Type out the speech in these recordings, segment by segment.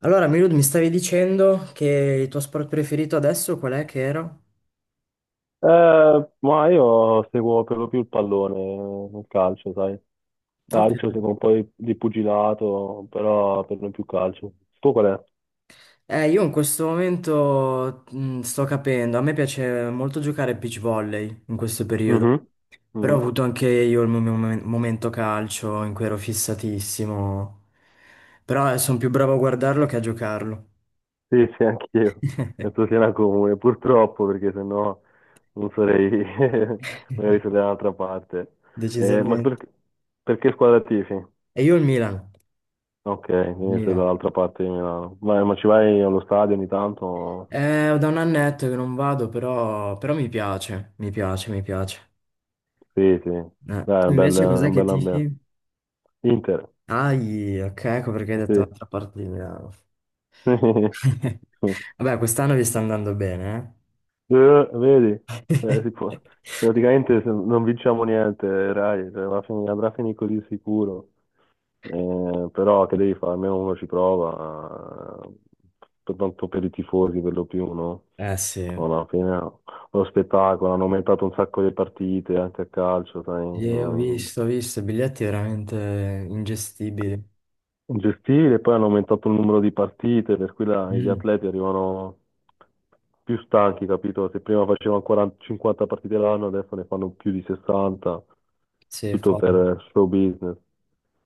Allora, Milud, mi stavi dicendo che il tuo sport preferito adesso qual è che era? Ma io seguo per lo più il pallone, il calcio, sai. Ok. Calcio, seguo un po' di pugilato, però per lo più calcio. Tu qual è? Io in questo momento sto capendo, a me piace molto giocare a beach volley in questo periodo, Mhm, però ho mhm. avuto anche io il mio momento calcio in cui ero fissatissimo, però sono più bravo a guardarlo che a giocarlo. Sì, sì, anch'io. Penso sia una comune, purtroppo, perché sennò non sarei, magari sarei dall'altra parte. Ma Decisamente. Perché squadra tifi? E io il Milan. Ok, Il quindi sei Milan. dall'altra parte di Milano. Ma ci vai allo stadio ogni tanto? Da un annetto che non vado, però, mi piace. Sì, sì. Dai, Tu è invece cos'è un che bel tifi? ambiente. Inter, Ai, ok, ecco perché hai detto sì. un'altra parte di Milano. Vabbè, quest'anno vi sta andando bene, vedi, Eh, eh? si può- praticamente se non vinciamo niente, Rai, cioè, andrà a finire così, sicuro. Però che devi fare, almeno uno ci prova, per tanto per i tifosi, per lo più, no? Eh sì. No, no. Alla fine è uno spettacolo, hanno aumentato un sacco le partite anche a calcio, sai? Sì, ho visto, i biglietti veramente ingestibili. Gestire, poi hanno aumentato il numero di partite, per cui gli Mm. atleti arrivano più stanchi, capito? Se prima facevano 40, 50 partite l'anno, adesso ne fanno più di 60, Sì, tutto folle, per show business.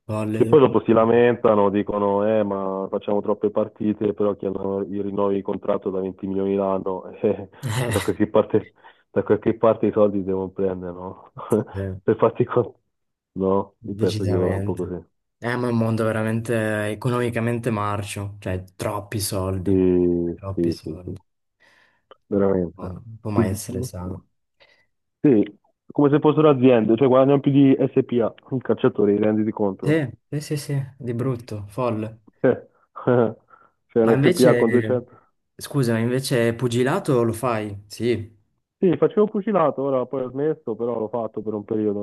folle. Che poi dopo si lamentano, dicono, ma facciamo troppe partite, però chi hanno i rinnovi di contratto da 20 milioni l'anno, cioè Eh, da qualche parte i soldi devono prendere, no? sì, Per farti con... No, io penso che vada un po' decisamente. così. Ma è un mondo veramente economicamente marcio, cioè troppi Sì, soldi, troppi sì, sì, sì, soldi. veramente. No, non può Più- mai essere sano. Sì, come se fossero aziende, cioè guadagnano più di SPA, i calciatori, renditi conto. Sì, sì, sì, sì, di brutto, folle. Cioè, cioè Ma l'SPA con invece, 200. scusa, invece pugilato lo fai? Sì. Sì, facevo pugilato, ora poi ho smesso, però l'ho fatto per un periodo.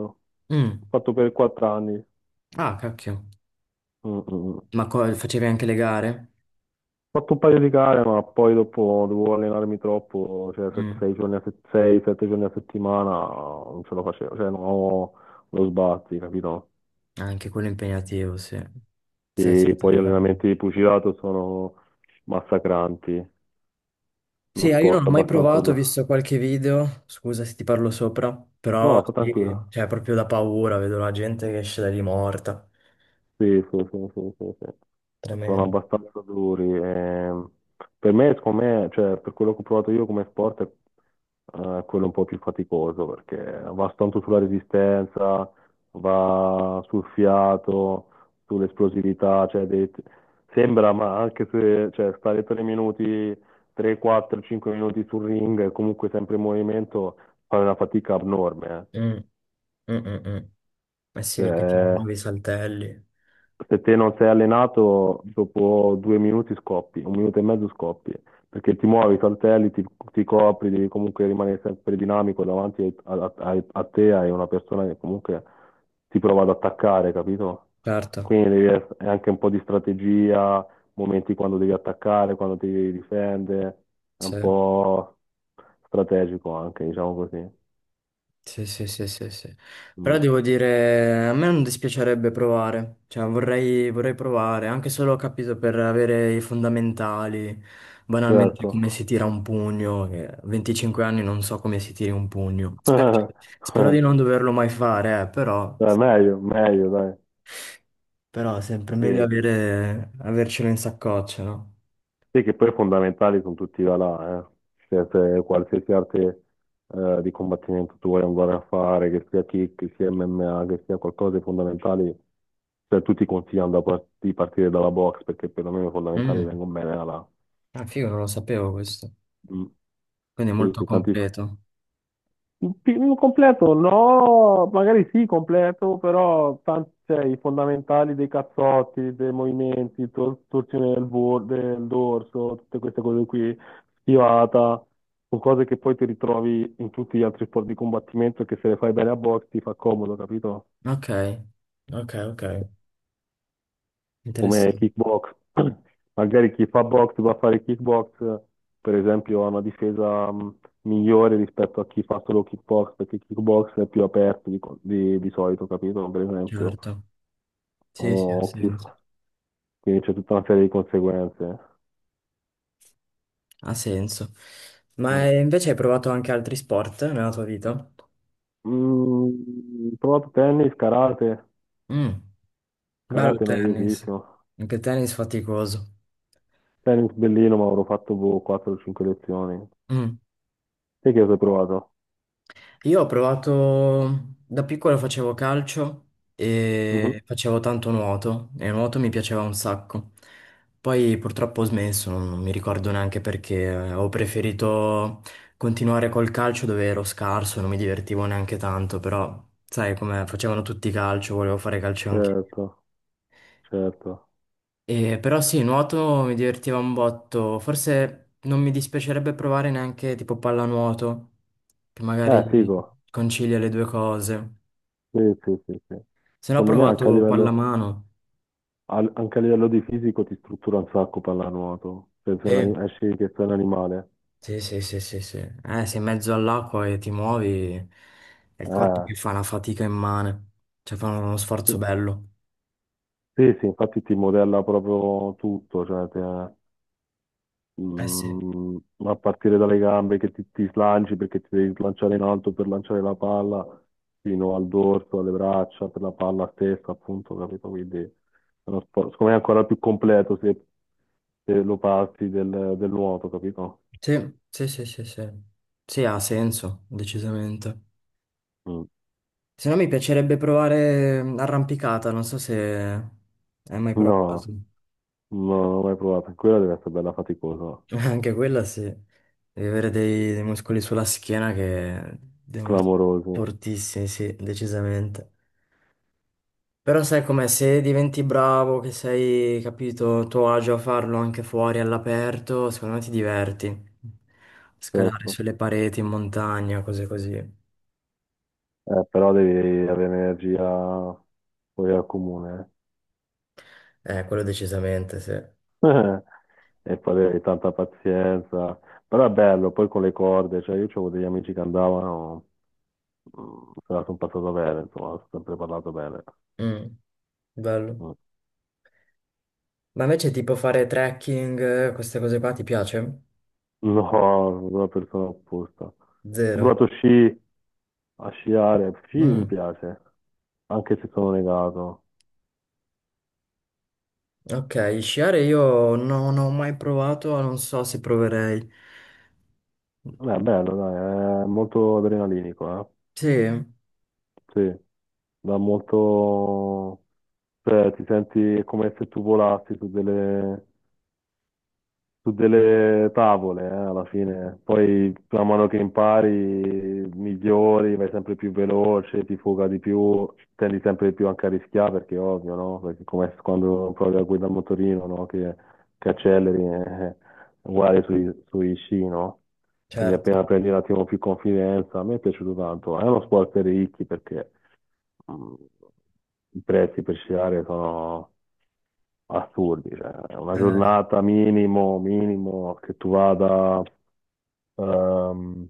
Mm. L'ho fatto per 4 anni. Ah, cacchio. Mm, mm. Ma Mm. Facevi anche le gare? Ho fatto un paio di gare, ma poi dopo dovevo allenarmi troppo, cioè se- Mm. sei giorni a 6, 7 giorni a settimana non ce la facevo, cioè no, lo sbatti, capito? Anche quello impegnativo, sì. Sei Sì, sette poi gli giorni. allenamenti di pugilato sono massacranti, Sì, uno io non ho sport mai abbastanza... provato, ho visto qualche video, scusa se ti parlo sopra, però No, sta tranquillo. sì, cioè proprio da paura, vedo la gente che esce da lì morta. Sì, sì, sì, sì, sì, sì. Sono Tremendo. abbastanza duri. Per me, secondo me, cioè, per quello che ho provato io come sport, è quello un po' più faticoso, perché va tanto sulla resistenza, va sul fiato, sull'esplosività, cioè, sembra, ma anche se cioè, stare 3 minuti, 3, 4, 5 minuti sul ring, comunque sempre in movimento, fa una fatica abnorme. Mm, mm, mm, mm. Eh sì, perché ti Cioè, muovi, saltelli. se te non sei allenato, dopo 2 minuti scoppi, un minuto e mezzo scoppi, perché ti muovi, saltelli, ti copri, devi comunque rimanere sempre dinamico davanti a te, hai una persona che comunque ti prova ad attaccare, capito? Certo, Quindi è anche un po' di strategia, momenti quando devi attaccare, quando ti devi difendere, è sì, un po' strategico anche, diciamo così. sì, sì, sì, sì, sì. Però Mm. devo dire, a me non dispiacerebbe provare, cioè vorrei provare, anche solo, ho capito, per avere i fondamentali, banalmente Certo. come si tira un pugno, che a 25 anni non so come si tiri un pugno. Spero, spero di non doverlo mai fare, però, Dai, meglio, meglio, dai. però è sempre Sì. meglio avere, avercelo in saccoccia, no? Sì, che poi fondamentali sono tutti i là, eh. Cioè, se qualsiasi arte di combattimento tu vuoi andare a fare, che sia kick, che sia MMA, che sia qualcosa di fondamentale, cioè, tutti consigliano di partire dalla box perché perlomeno i fondamentali Mm. vengono bene da là. Ah, figo, non lo sapevo questo, Mm. quindi è Sì, molto sì, completo. Completo, no, magari sì, completo, però cioè, i fondamentali dei cazzotti, dei movimenti, torsione del dorso, tutte queste cose qui, schivata, sono cose che poi ti ritrovi in tutti gli altri sport di combattimento e che se le fai bene a box ti fa comodo, capito? Ok, ok, ok. Come Interessante. kickbox. Magari chi fa box va a fare kickbox, per esempio, ha una difesa migliore rispetto a chi fa solo kickbox, perché kickbox è più aperto di solito, capito? Per esempio, Certo, sì, sì, ha o chi senso. fa- quindi c'è tutta una serie di conseguenze. Ha senso. Mm. Ma invece hai provato anche altri sport nella tua vita? Ho provato tennis, karate, Mm. Bello il karate tennis, noiosissimo. anche il tennis faticoso. Tennis bellino, ma avrò fatto boh, 4-5 lezioni. Mm. Te che cosa hai provato? Io ho provato, da piccolo facevo calcio. Mm. Mhm. E facevo tanto nuoto e il nuoto mi piaceva un sacco. Poi purtroppo ho smesso, non mi ricordo neanche perché, ho preferito continuare col calcio dove ero scarso, non mi divertivo neanche tanto, però sai come facevano tutti calcio, volevo fare calcio anche. Certo, certo. E, però sì, nuoto mi divertiva un botto, forse non mi dispiacerebbe provare neanche tipo pallanuoto, che magari Figo. concilia le due cose. Sì, sì, sì, sì. Se no ho Secondo me provato pallamano. Anche a livello di fisico ti struttura un sacco pallanuoto. Se sei Sì, esci che sei un animale. sì, sì, sì, sì, sì. Sei in mezzo all'acqua e ti muovi, è il corpo Eh, che fa una fatica immane. Cioè fa uno sforzo sì, bello. sì, sì, infatti ti modella proprio tutto, cioè Eh sì. mm, a partire dalle gambe che ti slanci perché ti devi slanciare in alto per lanciare la palla, fino al dorso, alle braccia, per la palla stessa, appunto, capito? Quindi è uno sport, secondo me è ancora più completo se lo passi del nuoto, capito? Sì, sì, sì, sì, sì. Sì, ha senso, decisamente. Mm. Se no mi piacerebbe provare arrampicata, non so se hai mai No, provato. no, non l'ho mai provato. Quella deve essere bella faticosa, Anche quella sì. Devi avere dei muscoli sulla schiena che devono essere clamorosa, fortissimi, sì, decisamente. Però sai com'è, se diventi bravo, che sei, capito, a tuo agio a farlo anche fuori all'aperto, secondo me ti diverti. Scalare certo. sulle pareti, in montagna, cose così. Però devi avere energia poi al comune. Quello decisamente, sì. eh. E poi avevi tanta pazienza. Però è bello, poi con le corde, cioè io avevo degli amici che andavano, se la sono passata bene, insomma, ho sempre parlato bene. Mm, bello. Mm. Ma invece tipo fare trekking, queste cose qua ti piace? No, sono una persona opposta. Ho Zero. provato sci, a sciare, sci mi Mm, piace, anche se sono negato. ok, sciare io non ho mai provato, non so se proverei. Beh, bello, dai, è molto adrenalinico, Sì, eh? Sì, dà molto... Cioè, ti senti come se tu volassi su delle tavole, alla fine. Poi man mano che impari, migliori, vai sempre più veloce, ti fuga di più, tendi sempre di più anche a rischiare, perché è ovvio, no? Perché come quando provi a guidare un motorino, no? Che acceleri, uguale sui sci, no? Quindi certo. appena prendi un attimo più confidenza, a me è piaciuto tanto. È uno sport per ricchi perché Mm, I prezzi per sciare sono assurdi, cioè, una Eh, giornata minimo, minimo, ehm,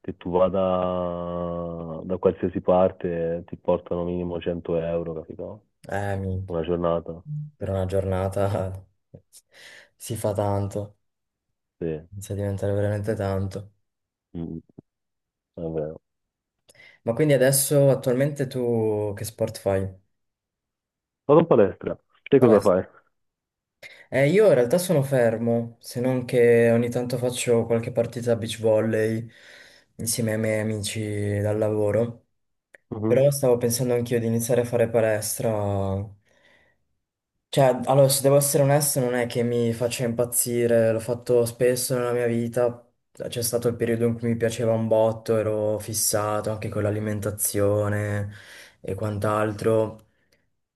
che tu vada da qualsiasi parte ti portano minimo 100 euro, capito? Minchia. Una giornata, Per una giornata si fa tanto, sì. inizia a diventare veramente tanto. Mm. È vero. Ma quindi adesso attualmente tu che sport fai? Vado in palestra, te cosa Palestra. fai? Io in realtà sono fermo, se non che ogni tanto faccio qualche partita a beach volley insieme ai miei amici dal lavoro. Mhm. Però stavo pensando anch'io di iniziare a fare palestra. Cioè, allora, se devo essere onesto, non è che mi faccia impazzire, l'ho fatto spesso nella mia vita, c'è stato il periodo in cui mi piaceva un botto, ero fissato anche con l'alimentazione e quant'altro.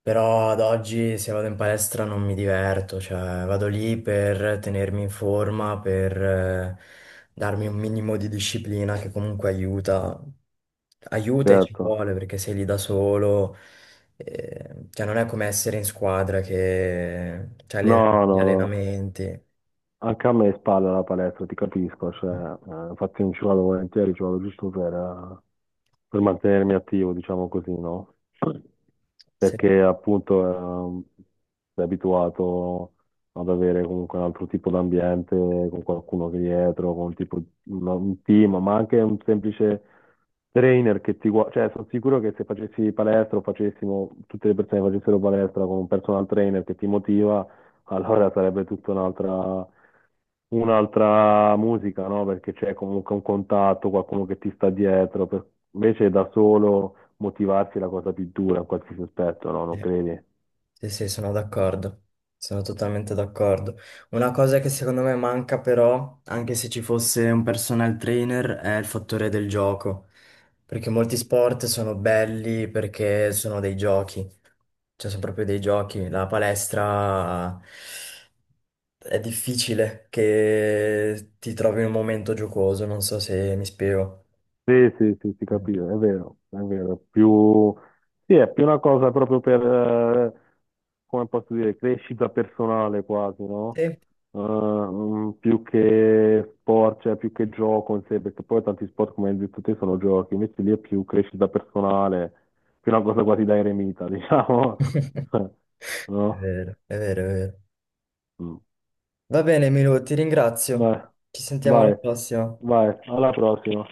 Però ad oggi se vado in palestra non mi diverto, cioè vado lì per tenermi in forma, per darmi un minimo di disciplina che comunque aiuta, aiuta e ci Certo. vuole perché sei lì da solo, cioè non è come essere in squadra che c'hai No, gli no, no. allenamenti. Anche a me spalla la palestra, ti capisco, cioè, infatti non ci vado volentieri, ci vado giusto per mantenermi attivo, diciamo così, no? Sì. Perché appunto sei abituato ad avere comunque un altro tipo d'ambiente, con qualcuno che è dietro, con un tipo, un team, ma anche un semplice trainer che ti guarda, cioè sono sicuro che se facessi palestra o facessimo, tutte le persone che facessero palestra con un personal trainer che ti motiva, allora sarebbe tutta un'altra musica, no? Perché c'è comunque un contatto, qualcuno che ti sta dietro. Invece da solo motivarsi è la cosa più dura in qualsiasi aspetto, no? Non Sì. credi? Sì, sì, sono d'accordo, sono totalmente d'accordo. Una cosa che secondo me manca però, anche se ci fosse un personal trainer, è il fattore del gioco, perché molti sport sono belli perché sono dei giochi, cioè sono proprio dei giochi. La palestra è difficile che ti trovi in un momento giocoso, non so se mi spiego. Sì, sì, sì, si Mm. capisce, è vero, è vero. Più... Sì, è più una cosa proprio per, eh, come posso dire, crescita personale quasi, no? Sì. Più che sport, cioè più che gioco in sé, perché poi tanti sport, come hai detto te, sono giochi, invece lì è più crescita personale, più una cosa quasi da eremita, diciamo, È no? vero, è vero, è vero. Mm. Va bene, Milo, ti ringrazio. Vai, Ci sentiamo alla vai, prossima. vai, alla prossima.